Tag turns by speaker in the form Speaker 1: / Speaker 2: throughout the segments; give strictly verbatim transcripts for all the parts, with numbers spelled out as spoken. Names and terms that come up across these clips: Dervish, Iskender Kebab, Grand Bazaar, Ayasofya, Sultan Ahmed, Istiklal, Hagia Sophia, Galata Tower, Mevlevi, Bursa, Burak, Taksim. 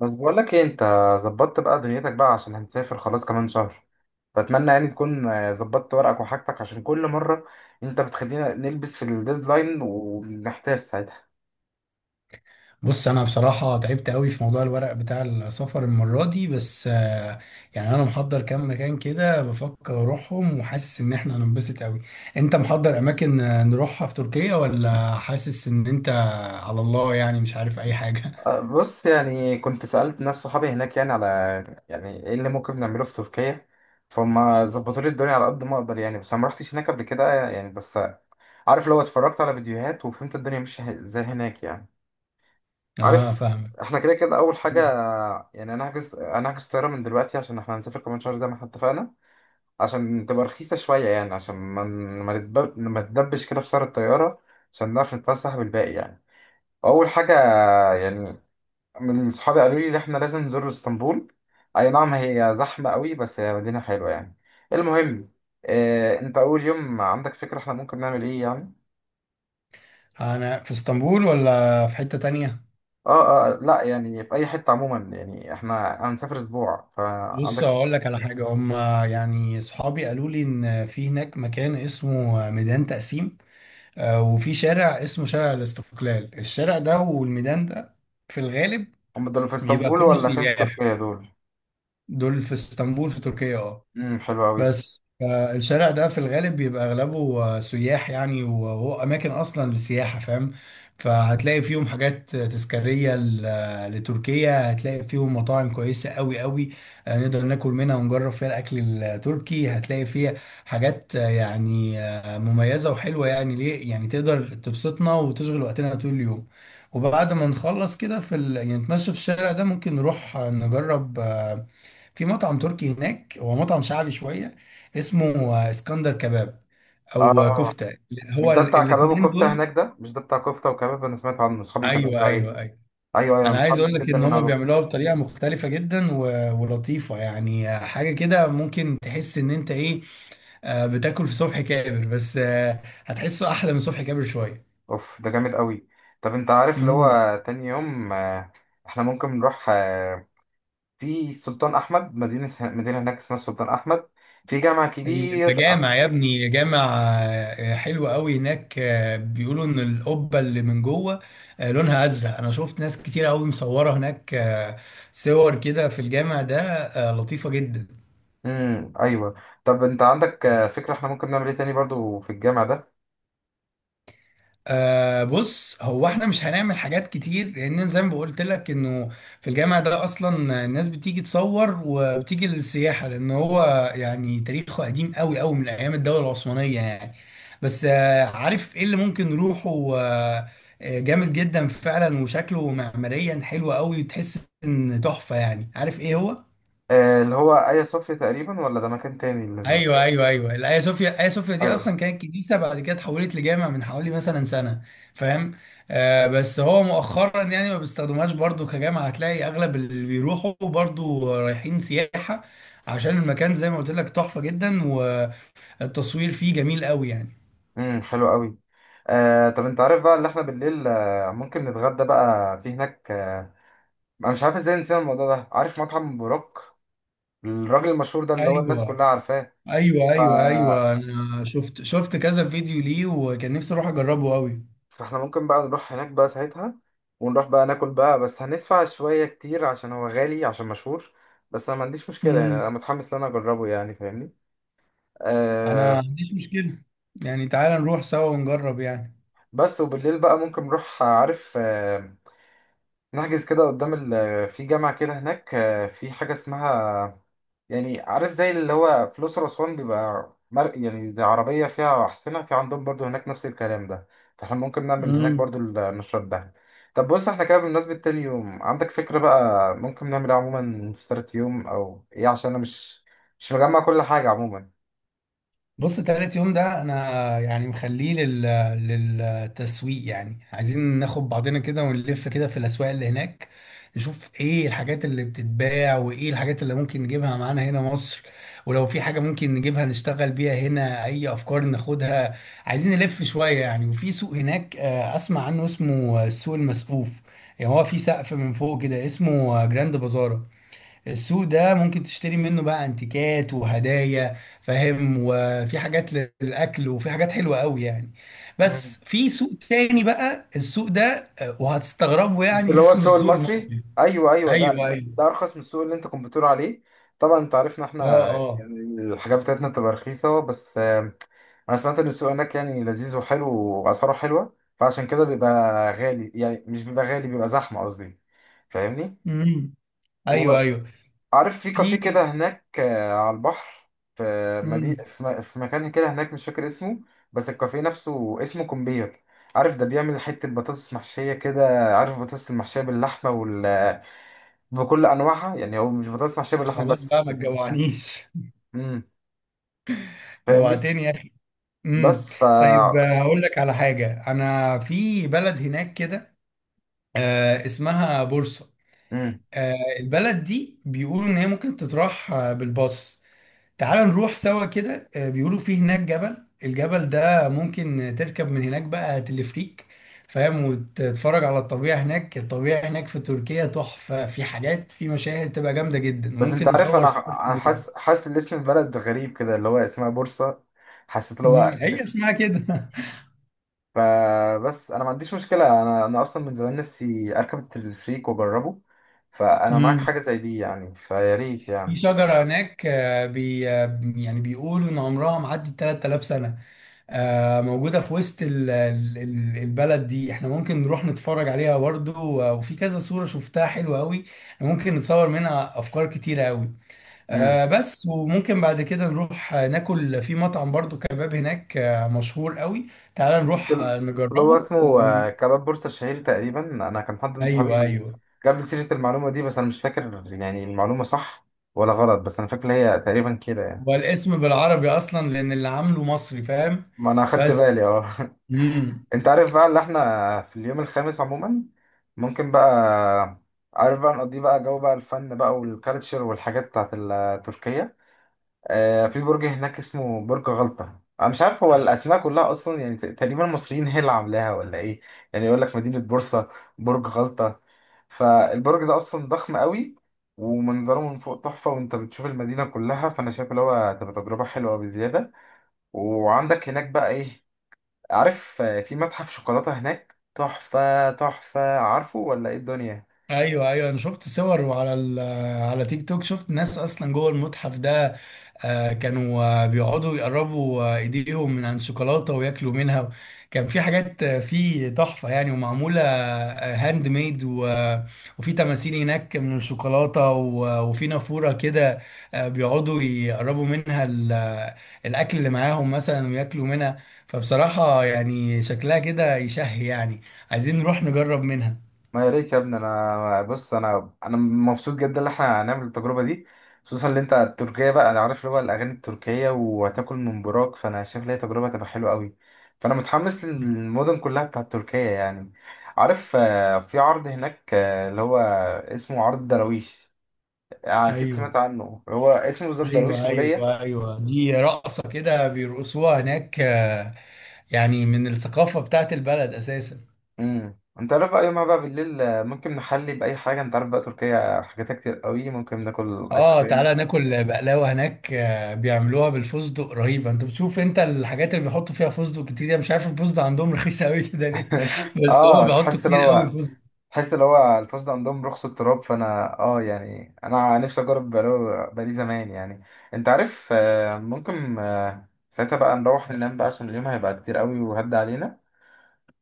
Speaker 1: بس بقول لك ايه، انت ظبطت بقى دنيتك بقى عشان هنسافر خلاص كمان شهر. فاتمنى يعني تكون آه، ظبطت ورقك وحاجتك، عشان كل مره انت بتخلينا نلبس في الديدلاين وبنحتاج ساعتها.
Speaker 2: بص، انا بصراحه تعبت قوي في موضوع الورق بتاع السفر المره دي بس آه، يعني انا محضر كام مكان كده بفكر اروحهم وحاسس ان احنا هننبسط قوي. انت محضر اماكن آه، نروحها في تركيا ولا حاسس ان انت على الله يعني مش عارف اي حاجه؟
Speaker 1: آه، بص يعني كنت سألت ناس صحابي هناك يعني على يعني ايه اللي ممكن نعمله في تركيا. فهم ظبطوا لي الدنيا على قد ما اقدر يعني، بس انا ما رحتش هناك قبل كده يعني. بس عارف، لو اتفرجت على فيديوهات وفهمت الدنيا ماشيه ازاي هناك يعني.
Speaker 2: اه،
Speaker 1: عارف
Speaker 2: فاهمك.
Speaker 1: احنا كده كده اول حاجه.
Speaker 2: مم.
Speaker 1: يعني انا هحجز انا هحجز طياره من دلوقتي عشان احنا هنسافر كمان شهر زي ما احنا اتفقنا، عشان تبقى رخيصه شويه، يعني عشان ما ما نتب- ما نتدبش كده في سعر الطياره، عشان نعرف نتفسح بالباقي يعني. اول حاجه يعني، من صحابي قالوا لي ان احنا لازم نزور اسطنبول. اي نعم، هي زحمه قوي بس هي مدينه حلوه يعني. المهم، اه انت اول يوم عندك فكره احنا ممكن نعمل ايه يعني؟
Speaker 2: انا في اسطنبول ولا في حتة تانية؟
Speaker 1: اه اه لا، يعني في اي حته عموما يعني، احنا هنسافر اسبوع
Speaker 2: بص،
Speaker 1: فعندك.
Speaker 2: اقول لك على حاجة. هم يعني صحابي قالوا لي ان في هناك مكان اسمه ميدان تقسيم، آه، وفي شارع اسمه شارع الاستقلال. الشارع ده والميدان ده في الغالب
Speaker 1: هم دول في
Speaker 2: بيبقى
Speaker 1: اسطنبول
Speaker 2: كله
Speaker 1: ولا فين في
Speaker 2: سياح.
Speaker 1: تركيا دول؟
Speaker 2: دول في اسطنبول في تركيا، اه.
Speaker 1: امم، حلو قوي.
Speaker 2: بس آه، الشارع ده في الغالب بيبقى اغلبه آه، سياح يعني، وهو اماكن اصلا للسياحه، فاهم. فهتلاقي فيهم حاجات آه، تذكاريه ل- آه، لتركيا. هتلاقي فيهم مطاعم كويسه قوي قوي آه، نقدر ناكل منها ونجرب فيها الاكل التركي. هتلاقي فيها حاجات آه، يعني آه، مميزه وحلوه يعني، ليه يعني تقدر تبسطنا وتشغل وقتنا طول اليوم. وبعد ما نخلص كده في ال... يعني نتمشى في الشارع ده، ممكن نروح آه، نجرب في مطعم تركي هناك. هو مطعم شعبي شوية اسمه آه، اسكندر كباب او آه،
Speaker 1: اه
Speaker 2: كفتة.
Speaker 1: مش
Speaker 2: هو
Speaker 1: ده
Speaker 2: ال-
Speaker 1: بتاع كباب
Speaker 2: الاتنين
Speaker 1: وكفته هناك؟
Speaker 2: دول.
Speaker 1: ده مش ده بتاع كفته وكباب؟ انا سمعت عنه، اصحابي كانوا
Speaker 2: ايوه،
Speaker 1: قالوا عليه.
Speaker 2: ايوه، ايوه،
Speaker 1: ايوه ايوه،
Speaker 2: انا
Speaker 1: انا
Speaker 2: عايز
Speaker 1: متحمس
Speaker 2: اقول لك
Speaker 1: جدا
Speaker 2: ان
Speaker 1: ان انا
Speaker 2: هم
Speaker 1: اروح.
Speaker 2: بيعملوها بطريقة مختلفة جدا و- ولطيفة يعني. آه، حاجة كده ممكن تحس ان انت ايه، آه، بتاكل في صبح كابر بس آه، هتحسه احلى من صبح كابر شوية.
Speaker 1: اوف ده جامد قوي. طب انت عارف اللي
Speaker 2: مم.
Speaker 1: هو تاني يوم، آه، احنا ممكن نروح آه، في السلطان احمد. مدينه مدينه هناك اسمها السلطان احمد، في جامع
Speaker 2: انت
Speaker 1: كبير.
Speaker 2: جامع يا ابني جامع. آه، حلو قوي هناك. آه، بيقولوا ان القبه اللي من جوه آه، لونها ازرق. انا شفت ناس كتير قوي مصوره هناك آه، صور كده في الجامع ده آه، لطيفه جدا.
Speaker 1: امم ايوه. طب انت عندك آه، فكره احنا ممكن نعمل ايه تاني برضو في الجامع ده؟
Speaker 2: أه بص، هو احنا مش هنعمل حاجات كتير لان زي ما قلت لك انه في الجامعة ده اصلا الناس بتيجي تصور وبتيجي للسياحة، لان هو يعني تاريخه قديم قوي قوي من ايام الدولة العثمانية يعني. بس أه عارف ايه اللي ممكن نروحه أه آه، جامد جدا فعلا وشكله معماريا حلو قوي وتحس ان تحفة، يعني عارف ايه هو.
Speaker 1: آه، اللي هو ايا صوفيا تقريبا، ولا ده مكان تاني اللي...
Speaker 2: ايوه، ايوه، ايوه، الايا صوفيا. ايا صوفيا دي اصلا كانت كنيسه، بعد كده اتحولت لجامع من حوالي مثلا سنه، فاهم. آه بس هو مؤخرا يعني ما بيستخدموهاش برضو كجامع. هتلاقي اغلب اللي بيروحوا برضو رايحين سياحه عشان المكان زي ما قلت لك تحفه جدا والتصوير فيه جميل قوي يعني.
Speaker 1: امم، حلو قوي. آه طب انت عارف بقى اللي احنا بالليل آه ممكن نتغدى بقى في هناك آه انا مش عارف ازاي نسينا الموضوع ده. عارف مطعم بوراك الراجل المشهور ده اللي هو الناس
Speaker 2: ايوه،
Speaker 1: كلها عارفاه؟
Speaker 2: ايوه،
Speaker 1: ف...
Speaker 2: ايوه، ايوه، انا شفت شفت كذا فيديو ليه وكان نفسي اروح اجربه قوي.
Speaker 1: فاحنا ممكن بقى نروح هناك بقى ساعتها، ونروح بقى ناكل بقى، بس هندفع شوية كتير عشان هو غالي عشان مشهور. بس انا ما عنديش مشكلة، يعني انا
Speaker 2: امم
Speaker 1: متحمس ان انا اجربه يعني، فاهمني.
Speaker 2: انا ما
Speaker 1: آه
Speaker 2: عنديش مشكله يعني. تعال نروح سوا ونجرب يعني.
Speaker 1: بس وبالليل بقى ممكن نروح آه، عارف آه نحجز كده قدام ال... في جامعة كده هناك آه في حاجة اسمها، يعني عارف زي اللي هو في الأقصر وأسوان بيبقى مر... يعني زي عربية فيها أحصنة، في عندهم برضو هناك نفس الكلام ده. فاحنا ممكن نعمل هناك
Speaker 2: مم.
Speaker 1: برضو النشاط ده. طب بص، احنا كده بمناسبة تاني يوم عندك فكرة بقى ممكن نعمل ايه عموما في تالت يوم أو إيه؟ عشان أنا مش مش مجمع كل حاجة عموما.
Speaker 2: بص، تالت يوم ده انا يعني مخليه لل... للتسويق يعني. عايزين ناخد بعضنا كده ونلف كده في الاسواق اللي هناك، نشوف ايه الحاجات اللي بتتباع وايه الحاجات اللي ممكن نجيبها معانا هنا مصر، ولو في حاجة ممكن نجيبها نشتغل بيها هنا اي افكار ناخدها. عايزين نلف شوية يعني. وفي سوق هناك آه، اسمع عنه اسمه السوق المسقوف. يعني هو في سقف من فوق كده اسمه جراند بازار. السوق ده ممكن تشتري منه بقى انتيكات وهدايا، فاهم، وفي حاجات للاكل وفي حاجات حلوه قوي يعني.
Speaker 1: مم.
Speaker 2: بس في سوق تاني بقى، السوق ده آه، وهتستغربوا
Speaker 1: مش
Speaker 2: يعني
Speaker 1: اللي هو
Speaker 2: اسمه
Speaker 1: السوق
Speaker 2: السوق
Speaker 1: المصري؟
Speaker 2: المصري.
Speaker 1: ايوه ايوه، ده
Speaker 2: ايوه،
Speaker 1: ده
Speaker 2: ايوه.
Speaker 1: ارخص من السوق اللي انت كنت بتقول عليه. طبعا انت عارفنا احنا
Speaker 2: اه، اه.
Speaker 1: يعني، الحاجات بتاعتنا بتبقى رخيصه. بس انا سمعت ان السوق هناك يعني لذيذ وحلو، واسعاره حلوه، فعشان كده بيبقى غالي. يعني مش بيبقى غالي، بيبقى زحمه قصدي، فاهمني.
Speaker 2: امم. ايوه، ايوه.
Speaker 1: وعارف في
Speaker 2: في
Speaker 1: كافيه كده هناك آه، على البحر. في مدينة،
Speaker 2: امم
Speaker 1: في م- في مكان كده هناك مش فاكر اسمه، بس الكافيه نفسه اسمه كومبير. عارف ده بيعمل حتة بطاطس محشية كده؟ عارف البطاطس المحشية باللحمة وال بكل أنواعها. يعني هو مش بطاطس محشية باللحمة
Speaker 2: خلاص
Speaker 1: بس.
Speaker 2: بقى ما تجوعنيش.
Speaker 1: امم، فاهمني.
Speaker 2: جوعتني يا اخي. امم.
Speaker 1: بس ف
Speaker 2: طيب، آه، هقول لك على حاجه. انا في بلد هناك كده آه، اسمها بورصه. آه، البلد دي بيقولوا ان هي ممكن تتراح آه، بالباص. تعال نروح سوا كده. آه، بيقولوا في هناك جبل. الجبل ده ممكن تركب من هناك بقى تلفريك، فاهم، وتتفرج على الطبيعة هناك. الطبيعة هناك في تركيا تحفة، في حاجات، في مشاهد تبقى جامدة جدا
Speaker 1: بس انت
Speaker 2: وممكن
Speaker 1: عارف،
Speaker 2: نصور
Speaker 1: انا
Speaker 2: صور
Speaker 1: انا
Speaker 2: جامدة جدا.
Speaker 1: حاسس حاسس ان اسم البلد غريب كده، اللي هو اسمها بورصة. حسيت اللي
Speaker 2: مم،
Speaker 1: هو
Speaker 2: هي
Speaker 1: اس-
Speaker 2: اسمها كده.
Speaker 1: فبس انا ما عنديش مشكلة، انا انا اصلا من زمان نفسي اركب التلفريك واجربه. فانا معاك حاجة
Speaker 2: مم.
Speaker 1: زي دي يعني، فيا ريت
Speaker 2: في
Speaker 1: يعني.
Speaker 2: شجرة هناك آه، بي آه، يعني بيقولوا ان عمرها معدي 3000 سنة. آه، موجودة في وسط ال- ال- ال- البلد دي. احنا ممكن نروح نتفرج عليها برضه، و- وفي كذا صورة شفتها حلوة قوي. ممكن نتصور منها أفكار كتيرة قوي
Speaker 1: امم.
Speaker 2: آه، بس. وممكن بعد كده نروح آه، ناكل في مطعم برضه كباب هناك آه، مشهور قوي. تعال
Speaker 1: مش
Speaker 2: نروح
Speaker 1: ال-
Speaker 2: آه،
Speaker 1: اللي هو
Speaker 2: نجربه
Speaker 1: اسمه
Speaker 2: و...
Speaker 1: آه، كباب بورصة الشهير تقريبا. انا كان حد من
Speaker 2: أيوه،
Speaker 1: صحابي
Speaker 2: أيوه.
Speaker 1: جاب لي سيرة المعلومة دي، بس انا مش فاكر يعني المعلومة صح ولا غلط، بس انا فاكر هي تقريبا كده يعني.
Speaker 2: والاسم بالعربي أصلا لأن اللي عامله مصري، فاهم.
Speaker 1: ما انا اخدت
Speaker 2: بس.
Speaker 1: بالي، اه.
Speaker 2: مم.
Speaker 1: انت عارف بقى اللي احنا في اليوم الخامس عموما ممكن بقى، عارف بقى نقضيه بقى جو بقى الفن بقى والكالتشر والحاجات بتاعت ال- تركيا. آه في برج هناك اسمه برج غلطة. انا مش عارف هو الاسماء كلها اصلا يعني، ت- تقريبا المصريين هي اللي عاملاها ولا ايه؟ يعني يقول لك مدينة بورصة، برج غلطة. فالبرج ده اصلا ضخم قوي، ومنظره من فوق تحفة، وانت بتشوف المدينة كلها. فانا شايف اللي هو هتبقى تجربة حلوة بزيادة. وعندك هناك بقى ايه؟ عارف آه، في متحف شوكولاتة هناك تحفة تحفة، عارفه ولا ايه الدنيا؟
Speaker 2: ايوه، ايوه، انا شفت صور وعلى ال- آه، على تيك توك شفت ناس اصلا جوه المتحف ده. آه، كانوا آه، بيقعدوا يقربوا آه، ايديهم من عن شوكولاته وياكلوا منها. كان في حاجات آه، في تحفه يعني ومعموله هاند ميد، وفي تماثيل هناك من الشوكولاته و- وفي نافوره كده آه، بيقعدوا يقربوا منها ال- آه، الاكل اللي معاهم مثلا وياكلوا منها. فبصراحه يعني شكلها كده يشهي يعني. عايزين نروح نجرب منها.
Speaker 1: ما يا ريت يا ابني، انا بص، انا انا مبسوط جدا ان احنا هنعمل التجربة دي. خصوصا ان انت التركية بقى، انا عارف اللي هو الاغاني التركية وهتاكل من براك. فانا شايف ان هي تجربة تبقى حلوة قوي. فانا متحمس للمدن كلها بتاعت تركيا يعني. عارف آه، في عرض هناك آه، اللي هو اسمه عرض دراويش، اكيد
Speaker 2: ايوه،
Speaker 1: سمعت عنه. هو اسمه بالظبط دراويش
Speaker 2: ايوه،
Speaker 1: مولية.
Speaker 2: ايوه، ايوه، دي رقصه كده بيرقصوها هناك آه، يعني من الثقافه بتاعت البلد اساسا.
Speaker 1: امم، انت عارف بقى يومها بقى بالليل آه، ممكن نحلي باي حاجه. انت عارف بقى تركيا حاجاتها كتير قوي، ممكن ناكل ايس
Speaker 2: اه،
Speaker 1: كريم.
Speaker 2: تعالى ناكل بقلاوه هناك. آه، بيعملوها بالفستق رهيبه. انت بتشوف انت الحاجات اللي بيحطوا فيها فستق كتير. انا مش عارف الفستق عندهم رخيص قوي كده ليه بس هم
Speaker 1: اه،
Speaker 2: بيحطوا
Speaker 1: تحس لو
Speaker 2: كتير قوي
Speaker 1: هو
Speaker 2: فستق.
Speaker 1: تحس لو هو الفسد عندهم رخص التراب. فانا اه يعني انا نفسي اجرب بقاله، بقالي زمان يعني. انت عارف آه، ممكن آه، ساعتها بقى نروح ننام بقى عشان اليوم هيبقى كتير قوي وهد علينا،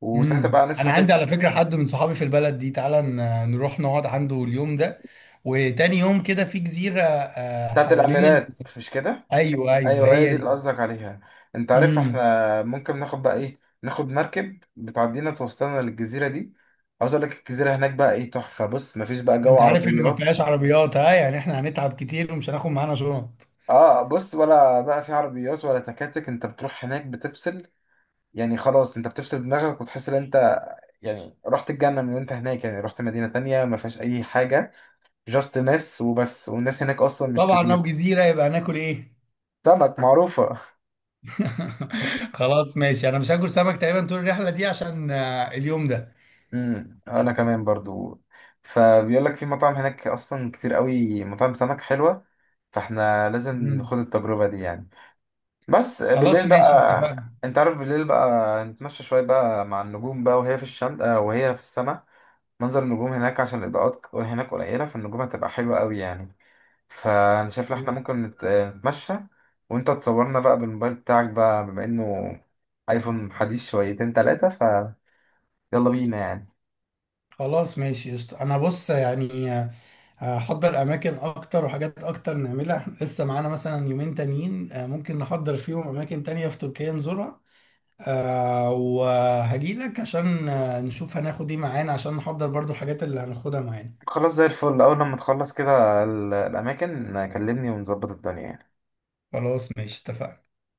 Speaker 1: وساعتها
Speaker 2: امم
Speaker 1: بقى نصحى
Speaker 2: انا عندي
Speaker 1: تاني.
Speaker 2: على فكره حد من صحابي في البلد دي. تعالى ن- نروح نقعد عنده اليوم ده، وتاني يوم كده في جزيره آه،
Speaker 1: بتاعت
Speaker 2: حوالين ال...
Speaker 1: الاميرات مش كده؟
Speaker 2: ايوه، ايوه،
Speaker 1: ايوه هي
Speaker 2: هي
Speaker 1: دي اللي
Speaker 2: دي.
Speaker 1: قصدك عليها. انت عارف
Speaker 2: امم
Speaker 1: احنا ممكن ناخد بقى ايه، ناخد مركب بتعدينا توصلنا للجزيره دي. عاوز اقول لك الجزيره هناك بقى ايه تحفه. بص مفيش بقى جو
Speaker 2: انت عارف ان ما
Speaker 1: عربيات،
Speaker 2: فيهاش عربيات، ها، يعني احنا هنتعب كتير ومش هناخد معانا شنط.
Speaker 1: اه بص ولا بقى في عربيات ولا تكاتك، انت بتروح هناك بتفصل. يعني خلاص، انت بتفصل دماغك وتحس ان انت يعني رحت الجنه من وانت هناك. يعني رحت مدينه تانية ما فيهاش اي حاجه، جاست ناس وبس، والناس هناك اصلا مش
Speaker 2: وطبعا لو
Speaker 1: كتير.
Speaker 2: جزيره يبقى هناكل ايه؟
Speaker 1: سمك معروفه.
Speaker 2: خلاص، ماشي. انا مش هاكل سمك تقريبا طول الرحله دي عشان آه، اليوم ده.
Speaker 1: امم انا كمان برضو. فبيقول لك في مطاعم هناك اصلا كتير قوي، مطاعم سمك حلوه، فاحنا لازم
Speaker 2: مم.
Speaker 1: نخوض التجربه دي يعني. بس
Speaker 2: خلاص،
Speaker 1: بالليل
Speaker 2: ماشي، اتفقنا.
Speaker 1: بقى، انت عارف بالليل بقى نتمشى شويه بقى مع النجوم بقى، وهي في الشمس آه، وهي في السماء. منظر النجوم هناك عشان الاضاءات هناك قليله، فالنجوم هتبقى حلوه قوي يعني. فانا شايف إن احنا ممكن نت- نتمشى، وانت تصورنا بقى بالموبايل بتاعك بقى بما انه ايفون حديث شويتين تلاتة، فيلا بينا يعني.
Speaker 2: خلاص، ماشي، قشطة. انا بص يعني آه، هحضر اماكن اكتر وحاجات اكتر نعملها. إحنا لسه معانا مثلا يومين تانيين آه، ممكن نحضر فيهم اماكن تانية في تركيا نزورها. آه وهجي لك عشان آه، نشوف هناخد ايه معانا عشان نحضر برضو الحاجات اللي هناخدها معانا.
Speaker 1: خلاص زي الفل، اول لما تخلص كده ال- الاماكن كلمني ونظبط الدنيا يعني.
Speaker 2: خلاص، ماشي، اتفقنا.